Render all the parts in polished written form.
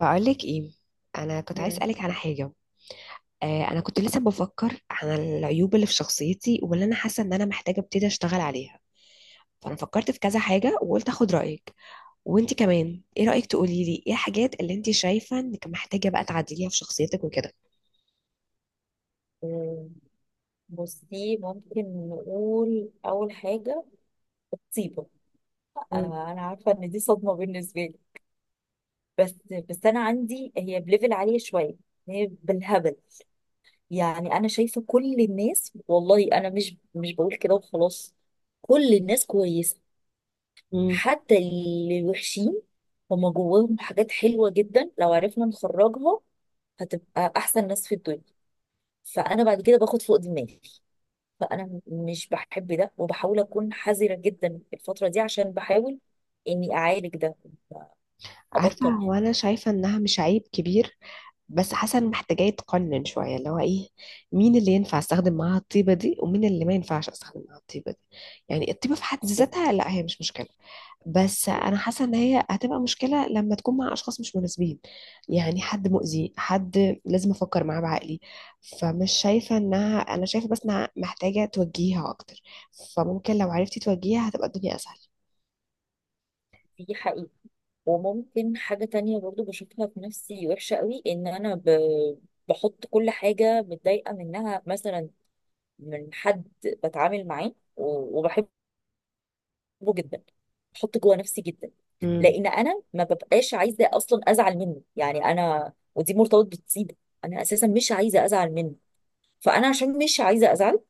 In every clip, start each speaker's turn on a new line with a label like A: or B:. A: بقولك ايه، انا كنت عايز
B: مم.
A: اسالك على حاجه. انا كنت لسه بفكر على العيوب اللي في شخصيتي واللي انا حاسه ان انا محتاجه ابتدي اشتغل عليها، فانا فكرت في كذا حاجه وقلت اخد رايك. وانت كمان، ايه رايك تقولي لي ايه الحاجات اللي انت شايفه انك محتاجه بقى تعدليها في شخصيتك وكده؟
B: آه، بصي ممكن نقول أول حاجة طيبة.
A: مم.
B: آه، أنا عارفة إن دي صدمة بالنسبة لي، بس بس أنا عندي هي بليفل عالية شوية. هي بالهبل. يعني أنا شايفة كل الناس، والله أنا مش بقول كده وخلاص. كل الناس كويسة،
A: مم.
B: حتى اللي وحشين، هما جواهم حاجات حلوة جدا لو عرفنا نخرجها، هتبقى أحسن ناس في الدنيا. فأنا بعد كده باخد فوق دماغي، فانا مش بحب ده وبحاول اكون حذره جدا الفتره دي عشان بحاول اني اعالج ده
A: عارفه،
B: ابطل.
A: هو انا شايفه انها مش عيب كبير، بس حاسه ان محتاجه يتقنن شويه، اللي هو ايه؟ مين اللي ينفع استخدم معاها الطيبه دي ومين اللي ما ينفعش استخدم معاها الطيبه دي. يعني الطيبه في حد
B: بس
A: ذاتها لا، هي مش مشكله، بس انا حاسه ان هي هتبقى مشكله لما تكون مع اشخاص مش مناسبين. يعني حد مؤذي، حد لازم افكر معاه بعقلي. فمش شايفه انها، انا شايفه بس انها محتاجه توجيهها اكتر، فممكن لو عرفتي توجيهها هتبقى الدنيا اسهل.
B: دي حقيقه. وممكن حاجه تانية برضو بشوفها في نفسي وحشه قوي، ان انا بحط كل حاجه متضايقه منها، مثلا من حد بتعامل معاه و- وبحبه جدا، بحط جوه نفسي جدا.
A: امم
B: لان انا ما ببقاش عايزه اصلا ازعل منه، يعني انا ودي مرتبط بالطيبه، انا اساسا مش عايزه ازعل منه، فانا عشان مش عايزه ازعل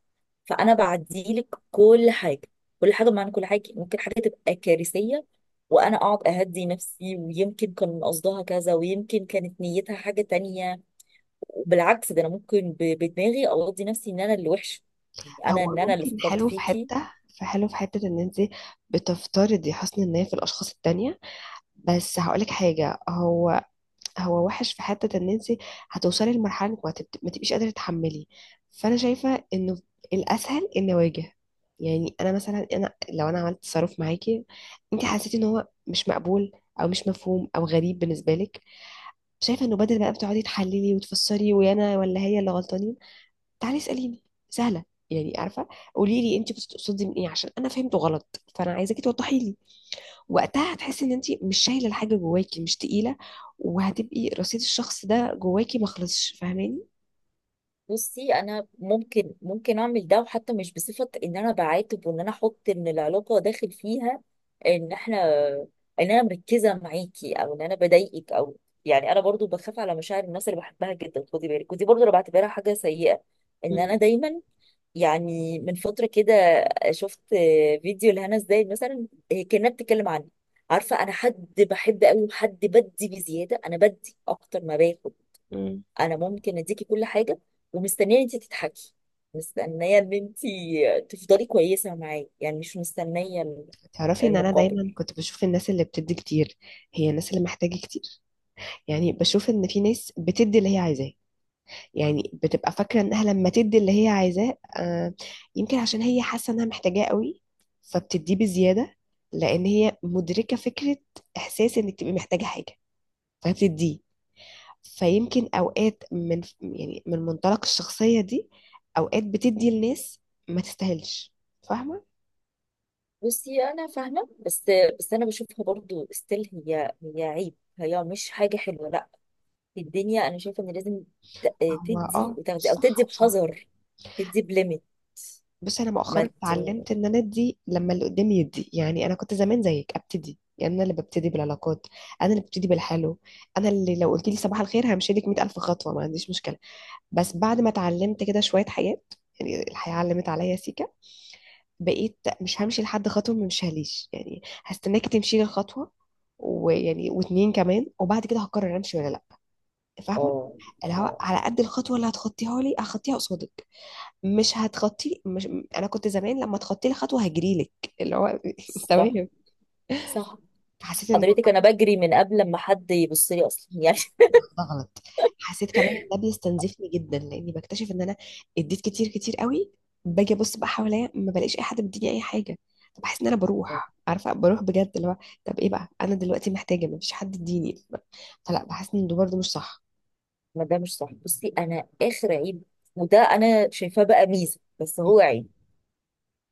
B: فانا بعديلك كل حاجه. كل حاجه بمعنى كل حاجه، ممكن حاجه تبقى كارثيه، وانا اقعد اهدي نفسي ويمكن كان قصدها كذا ويمكن كانت نيتها حاجه تانية. وبالعكس ده انا ممكن ب- بدماغي اقضي نفسي ان انا اللي وحش، يعني انا ان
A: هو
B: انا اللي
A: ممكن
B: فكرت
A: حلو في
B: فيكي.
A: حته، فحلو في حته ان انت بتفترضي حسن النيه في الاشخاص التانية. بس هقولك حاجه، هو وحش في حتة ان انت هتوصلي لمرحلة انك ما تبقيش قادرة تتحملي. فانا شايفة انه الاسهل ان اواجه. يعني انا مثلا، لو انا عملت تصرف معاكي، انت حسيتي ان هو مش مقبول او مش مفهوم او غريب بالنسبة لك، شايفة انه بدل بقى بتقعدي تحللي وتفسري ويا انا ولا هي اللي غلطانين، تعالي اسأليني، سهلة. يعني عارفة، قولي لي انت بتقصدي من ايه عشان انا فهمته غلط، فانا عايزاكي توضحي لي. وقتها هتحسي ان انت مش شايله الحاجه جواكي، مش تقيله، وهتبقي رصيد الشخص ده جواكي ما خلصش. فاهماني؟
B: بصي انا ممكن اعمل ده، وحتى مش بصفه ان انا بعاتب وان انا احط ان العلاقه داخل فيها، ان احنا، ان انا مركزه معاكي او ان انا بضايقك او، يعني انا برضو بخاف على مشاعر الناس اللي بحبها جدا، خدي بالك، ودي برضو انا بعتبرها حاجه سيئه، ان
A: مم.
B: انا دايما. يعني من فتره كده شفت فيديو لهنا ازاي مثلا هي كانت بتتكلم عني، عارفه انا حد بحب قوي وحد بدي بزياده، انا بدي اكتر ما باخد.
A: مم.
B: انا ممكن اديكي كل حاجه، ومستنيه ان انت تضحكي، مستنيه ان انت تفضلي كويسه معايا، يعني مش مستنيه
A: تعرفي ان انا
B: المقابل.
A: دايما كنت بشوف الناس اللي بتدي كتير هي الناس اللي محتاجه كتير. يعني بشوف ان في ناس بتدي اللي هي عايزاه. يعني بتبقى فاكره انها لما تدي اللي هي عايزاه، آه، يمكن عشان هي حاسه انها محتاجاه قوي، فبتديه بزياده، لان هي مدركه فكره، احساس انك تبقي محتاجه حاجه، فبتديه. فيمكن اوقات يعني من منطلق الشخصية دي اوقات بتدي لناس ما تستاهلش. فاهمة؟
B: بصي انا فاهمه، بس انا بشوفها برضو ستيل، هي عيب، هي مش حاجه حلوه، لا. في الدنيا انا شايفه ان لازم ت-
A: هو
B: تدي
A: اه، مش
B: وتاخدي، او تدي
A: صح بصراحة.
B: بحذر، تدي بليميت.
A: بس انا
B: ما
A: مؤخرا
B: ت...
A: اتعلمت ان انا ادي لما اللي قدامي يدي. يعني انا كنت زمان زيك، ابتدي، يعني انا اللي ببتدي بالعلاقات، انا اللي ببتدي بالحلو. انا اللي لو قلت لي صباح الخير همشي لك 100,000 خطوة، ما عنديش مشكلة. بس بعد ما اتعلمت كده شوية حاجات، يعني الحياة علمت عليا سيكا، بقيت مش همشي لحد خطوة ما مشيهاليش. يعني هستناكي تمشي لي الخطوة ويعني واتنين كمان، وبعد كده هقرر امشي ولا لا. فاهمة؟
B: اه،
A: اللي هو
B: اه،
A: على قد الخطوة اللي هتخطيها لي هخطيها قصادك. مش هتخطي مش انا كنت زمان لما تخطي لي خطوة هجري لك، اللي هو
B: صح،
A: تمام.
B: صح،
A: حسيت ان
B: حضرتك انا بجري من قبل ما حد يبص لي اصلا يعني.
A: ده غلط. حسيت كمان ان ده بيستنزفني جدا، لاني بكتشف ان انا اديت كتير كتير قوي. باجي ابص بقى حواليا ما بلاقيش اي حد بيديني اي حاجه، فبحس ان انا بروح، عارفه، بروح بجد. اللي هو طب ايه بقى، انا دلوقتي محتاجه، ما فيش حد يديني، فلا، بحس ان ده برضه مش صح.
B: ما ده مش صح. بصي انا اخر عيب، وده انا شايفاه بقى ميزه بس هو عيب،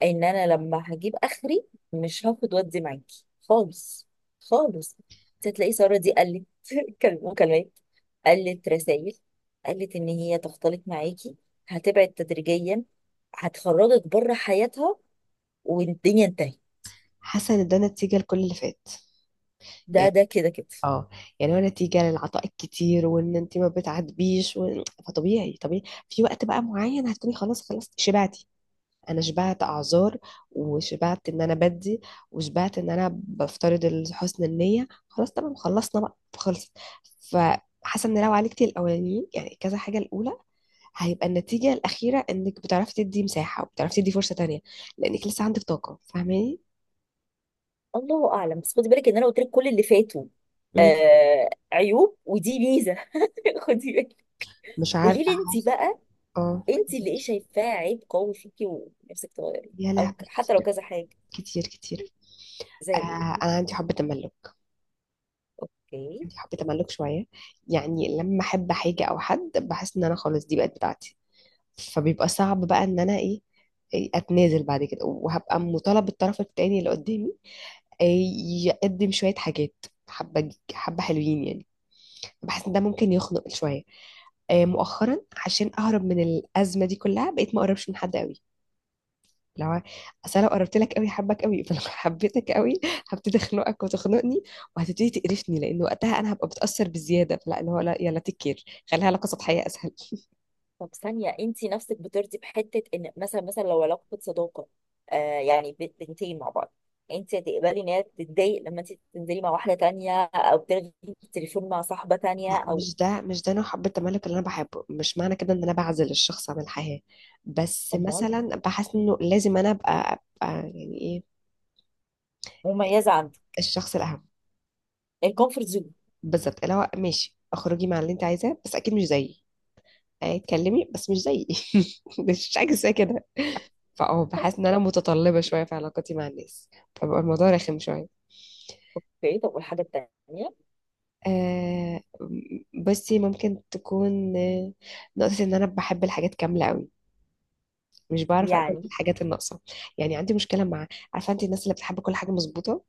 B: ان انا لما هجيب اخري مش هاخد ودي معاكي خالص، خالص. انت هتلاقي ساره دي قلت مكالمات، قلت رسائل، قلت ان هي تختلط معاكي، هتبعد تدريجيا، هتخرجك بره حياتها، والدنيا انتهت.
A: حاسه ان ده نتيجه لكل اللي فات.
B: ده
A: يعني
B: ده كده كده.
A: اه، يعني هو نتيجه للعطاء الكتير وان انت ما بتعاتبيش فطبيعي طبيعي في وقت بقى معين هتكوني خلاص، خلاص شبعتي. انا شبعت اعذار، وشبعت ان انا بدي، وشبعت ان انا بفترض حسن النيه. خلاص تمام، خلصنا بقى، خلصت. فحاسه ان لو عالجتي الاولانيين، يعني كذا حاجه الاولى، هيبقى النتيجه الاخيره انك بتعرفي تدي مساحه وبتعرفي تدي فرصه تانية، لانك لسه عندك طاقه. فاهماني؟
B: الله اعلم، بس خدي بالك ان انا قلت لك كل اللي فاتوا
A: مم.
B: آه عيوب، ودي ميزه. خدي بالك،
A: مش
B: قولي لي
A: عارفه،
B: انت
A: حاسه.
B: بقى،
A: اه.
B: انت اللي ايه شايفاه عيب قوي فيكي ونفسك تغيريه؟
A: يا
B: او
A: لهوي
B: حتى لو
A: كتير،
B: كذا حاجه،
A: كتير كتير.
B: زي
A: آه
B: ايه؟
A: انا عندي حب تملك.
B: اوكي.
A: عندي حب تملك شويه. يعني لما احب حاجه او حد بحس ان انا خلاص دي بقت بتاعتي، فبيبقى صعب بقى ان انا ايه، إيه، اتنازل بعد كده، وهبقى مطالب الطرف التاني اللي قدامي، إيه، يقدم شوية حاجات، حبة حبة حلوين يعني. بحس ان ده ممكن يخنق شوية. مؤخرا عشان اهرب من الازمه دي كلها بقيت ما اقربش من حد قوي. لو، اصل لو قربت لك قوي، حبك قوي، فلو حبيتك قوي هبتدي اخنقك وتخنقني، وهتبتدي تقرفني، لان وقتها انا هبقى بتاثر بزياده. فلا اللي هو لا، يلا تكير، خليها علاقه سطحيه اسهل.
B: طب ثانيه، انت نفسك بترضي بحته ان مثلا لو علاقه صداقه، آه يعني بنتين مع بعض، انت هتقبلي ان هي تتضايق لما انت تنزلي مع واحده تانية او تلغي التليفون مع صاحبه تانية
A: لا
B: او؟
A: مش ده نوع حب التملك اللي انا بحبه. مش معنى كده ان انا بعزل الشخص عن الحياة، بس
B: امال.
A: مثلا بحس انه لازم انا أبقى يعني ايه،
B: مميزه عندي.
A: الشخص الاهم.
B: الكومفورت زون.
A: بالظبط، اللي هو ماشي، اخرجي مع اللي انت عايزاه، بس اكيد مش زيي. اتكلمي بس مش زيي. مش حاجه زي كده. فاه، بحس ان انا متطلبه شويه في علاقتي مع الناس، فبقى الموضوع رخم شويه.
B: اوكي، طب والحاجه التانيه؟
A: آه بصي، ممكن تكون نقطة إن أنا بحب الحاجات كاملة أوي، مش بعرف اقبل
B: يعني
A: بالحاجات الناقصه. يعني عندي مشكله مع، عارفه انت الناس اللي بتحب كل حاجه مظبوطه؟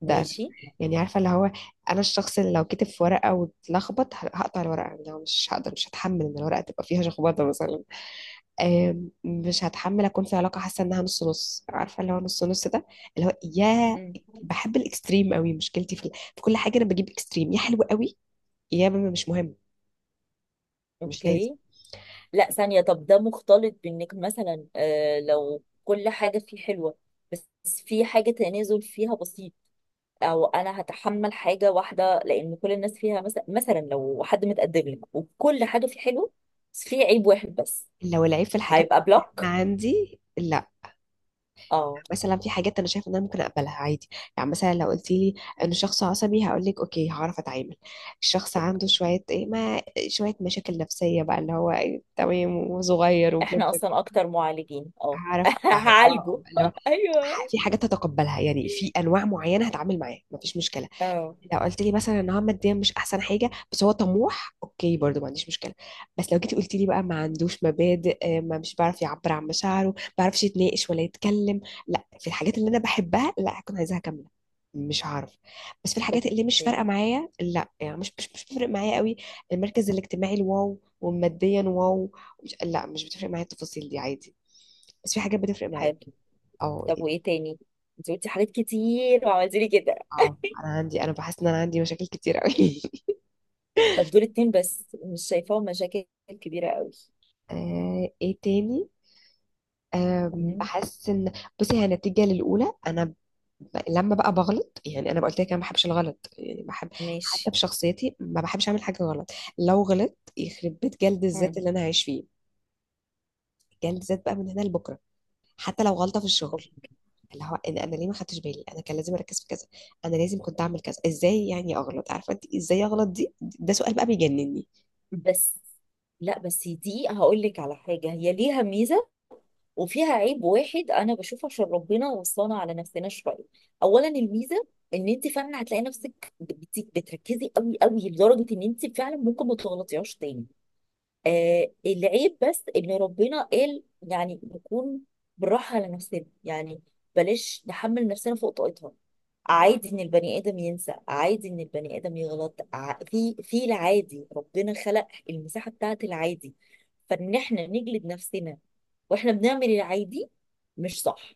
A: ده أنا.
B: ماشي.
A: يعني عارفه، اللي هو انا الشخص اللي لو كتب في ورقه واتلخبط هقطع الورقه. يعني لو مش هقدر، مش هتحمل ان الورقه تبقى فيها شخبطه مثلا. مش هتحمل اكون في علاقه حاسه انها نص نص. عارفه اللي هو نص نص ده، اللي هو يا،
B: مم.
A: بحب الاكستريم قوي. مشكلتي في كل حاجه انا بجيب اكستريم، يا حلو قوي، يا مش مهم، مش لازم.
B: اوكي. لا ثانية، طب ده مختلط بانك مثلا لو كل حاجة فيه حلوة، بس في حاجة تنازل فيها بسيط، او انا هتحمل حاجة واحدة لان كل الناس فيها، مثلا لو حد متقدم لك وكل حاجة فيه حلوة، بس فيه عيب واحد بس،
A: لو العيب في الحاجات
B: هيبقى
A: اللي
B: بلوك.
A: عندي، لا،
B: اه.
A: مثلا في حاجات انا شايفه ان انا ممكن اقبلها عادي. يعني مثلا لو قلت لي انه شخص عصبي، هقول لك اوكي هعرف اتعامل. الشخص عنده
B: أوكي.
A: شويه ايه، ما، شويه مشاكل نفسيه بقى، اللي هو إيه، تمام، وصغير، وبلا بلا
B: احنا
A: بلا.
B: اصلا اكتر معالجين، اه
A: هعرف أتع- اه،
B: هعالجه.
A: اللي هو،
B: ايوه،
A: في حاجات هتقبلها. يعني في انواع معينه هتعامل معاها مفيش مشكله.
B: اه
A: لو قلت لي مثلا ان هو ماديا مش احسن حاجه، بس هو طموح، اوكي، برضو ما عنديش مشكله. بس لو جيتي قلت لي بقى ما عندوش مبادئ، ما، مش بيعرف يعبر عن مشاعره، ما بيعرفش يتناقش ولا يتكلم، لا. في الحاجات اللي انا بحبها، لا، هكون عايزاها كامله. مش هعرف. بس في الحاجات اللي مش فارقه
B: اوكي
A: معايا، لا، يعني مش بتفرق معايا قوي. المركز الاجتماعي الواو، وماديا واو، مش، لا، مش بتفرق معايا التفاصيل دي، عادي. بس في حاجات بتفرق معايا.
B: حلو.
A: اه.
B: طب وايه تاني؟ انت قلتي حاجات كتير وعملتي لي كده،
A: اه عندي انا بحس ان انا عندي مشاكل كتير قوي.
B: طب دول اتنين بس، مش شايفاهم مشاكل كبيرة قوي.
A: ايه تاني؟
B: مم.
A: بحس ان، بصي هي نتيجة للأولى. لما بقى بغلط، يعني أنا قلت لك أنا ما بحبش الغلط. يعني بحب حتى
B: ماشي.
A: في شخصيتي ما بحبش أعمل حاجة غلط. لو غلط يخرب بيت، جلد الذات
B: مم.
A: اللي أنا عايش فيه، جلد الذات بقى من هنا لبكرة. حتى لو غلطة في الشغل،
B: أوكي.
A: اللي هو إن أنا ليه ما خدتش بالي، أنا كان لازم أركز في كذا، أنا لازم كنت أعمل كذا. إزاي يعني أغلط؟ عارفة أنت إزاي أغلط دي؟ ده سؤال بقى بيجنني.
B: بس لا، بس دي هقول لك على حاجة، هي ليها ميزة وفيها عيب واحد أنا بشوفه عشان ربنا وصانا على نفسنا شوية. أولا الميزة، إن أنت فعلا هتلاقي نفسك بتركزي قوي قوي لدرجة إن أنت فعلا ممكن ما تغلطيهاش تاني. آه العيب بس، إن ربنا قال يعني نكون بالراحة على نفسنا، يعني بلاش نحمل نفسنا فوق طاقتها. عادي ان البني ادم ينسى، عادي ان البني ادم يغلط، في العادي ربنا خلق المساحه بتاعت العادي، فان احنا نجلد نفسنا واحنا بنعمل العادي مش صح.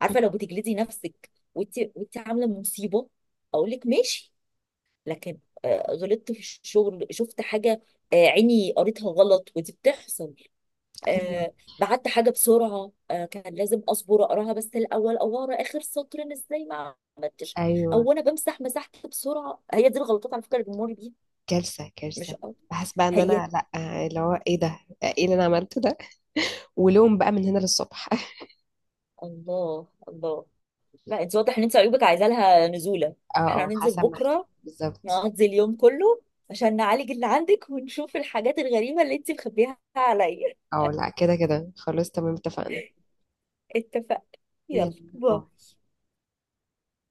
B: عارفه لو بتجلدي نفسك وانت عامله مصيبه اقول لك ماشي، لكن آه، غلطت في الشغل شفت حاجه، آه، عيني قريتها غلط ودي بتحصل.
A: ايوه.
B: آه بعت حاجة بسرعة، كان لازم أصبر أقراها بس الأول، أو أقرا آخر سطر، أنا إزاي ما عملتش،
A: ايوه.
B: أو أنا بمسح، مسحت بسرعة. هي دي الغلطات على فكرة اللي بنمر بيها،
A: كارثه،
B: مش
A: كارثه.
B: أكتر.
A: بحس بقى ان
B: هي
A: انا، لا، اللي هو ايه ده، ايه اللي انا عملته ده؟ ولوم بقى من هنا للصبح.
B: الله الله. لا أنت واضح إن أنت عيوبك عايزة لها نزولة، إحنا
A: اه
B: هننزل
A: حسب ما احتاج
B: بكرة
A: بالظبط.
B: نقضي اليوم كله عشان نعالج اللي عندك ونشوف الحاجات الغريبة اللي أنت مخبيها عليا.
A: اه، لا كده كده، خلاص تمام، اتفقنا.
B: اتفقنا.
A: يلا،
B: يلا
A: باي.
B: باي.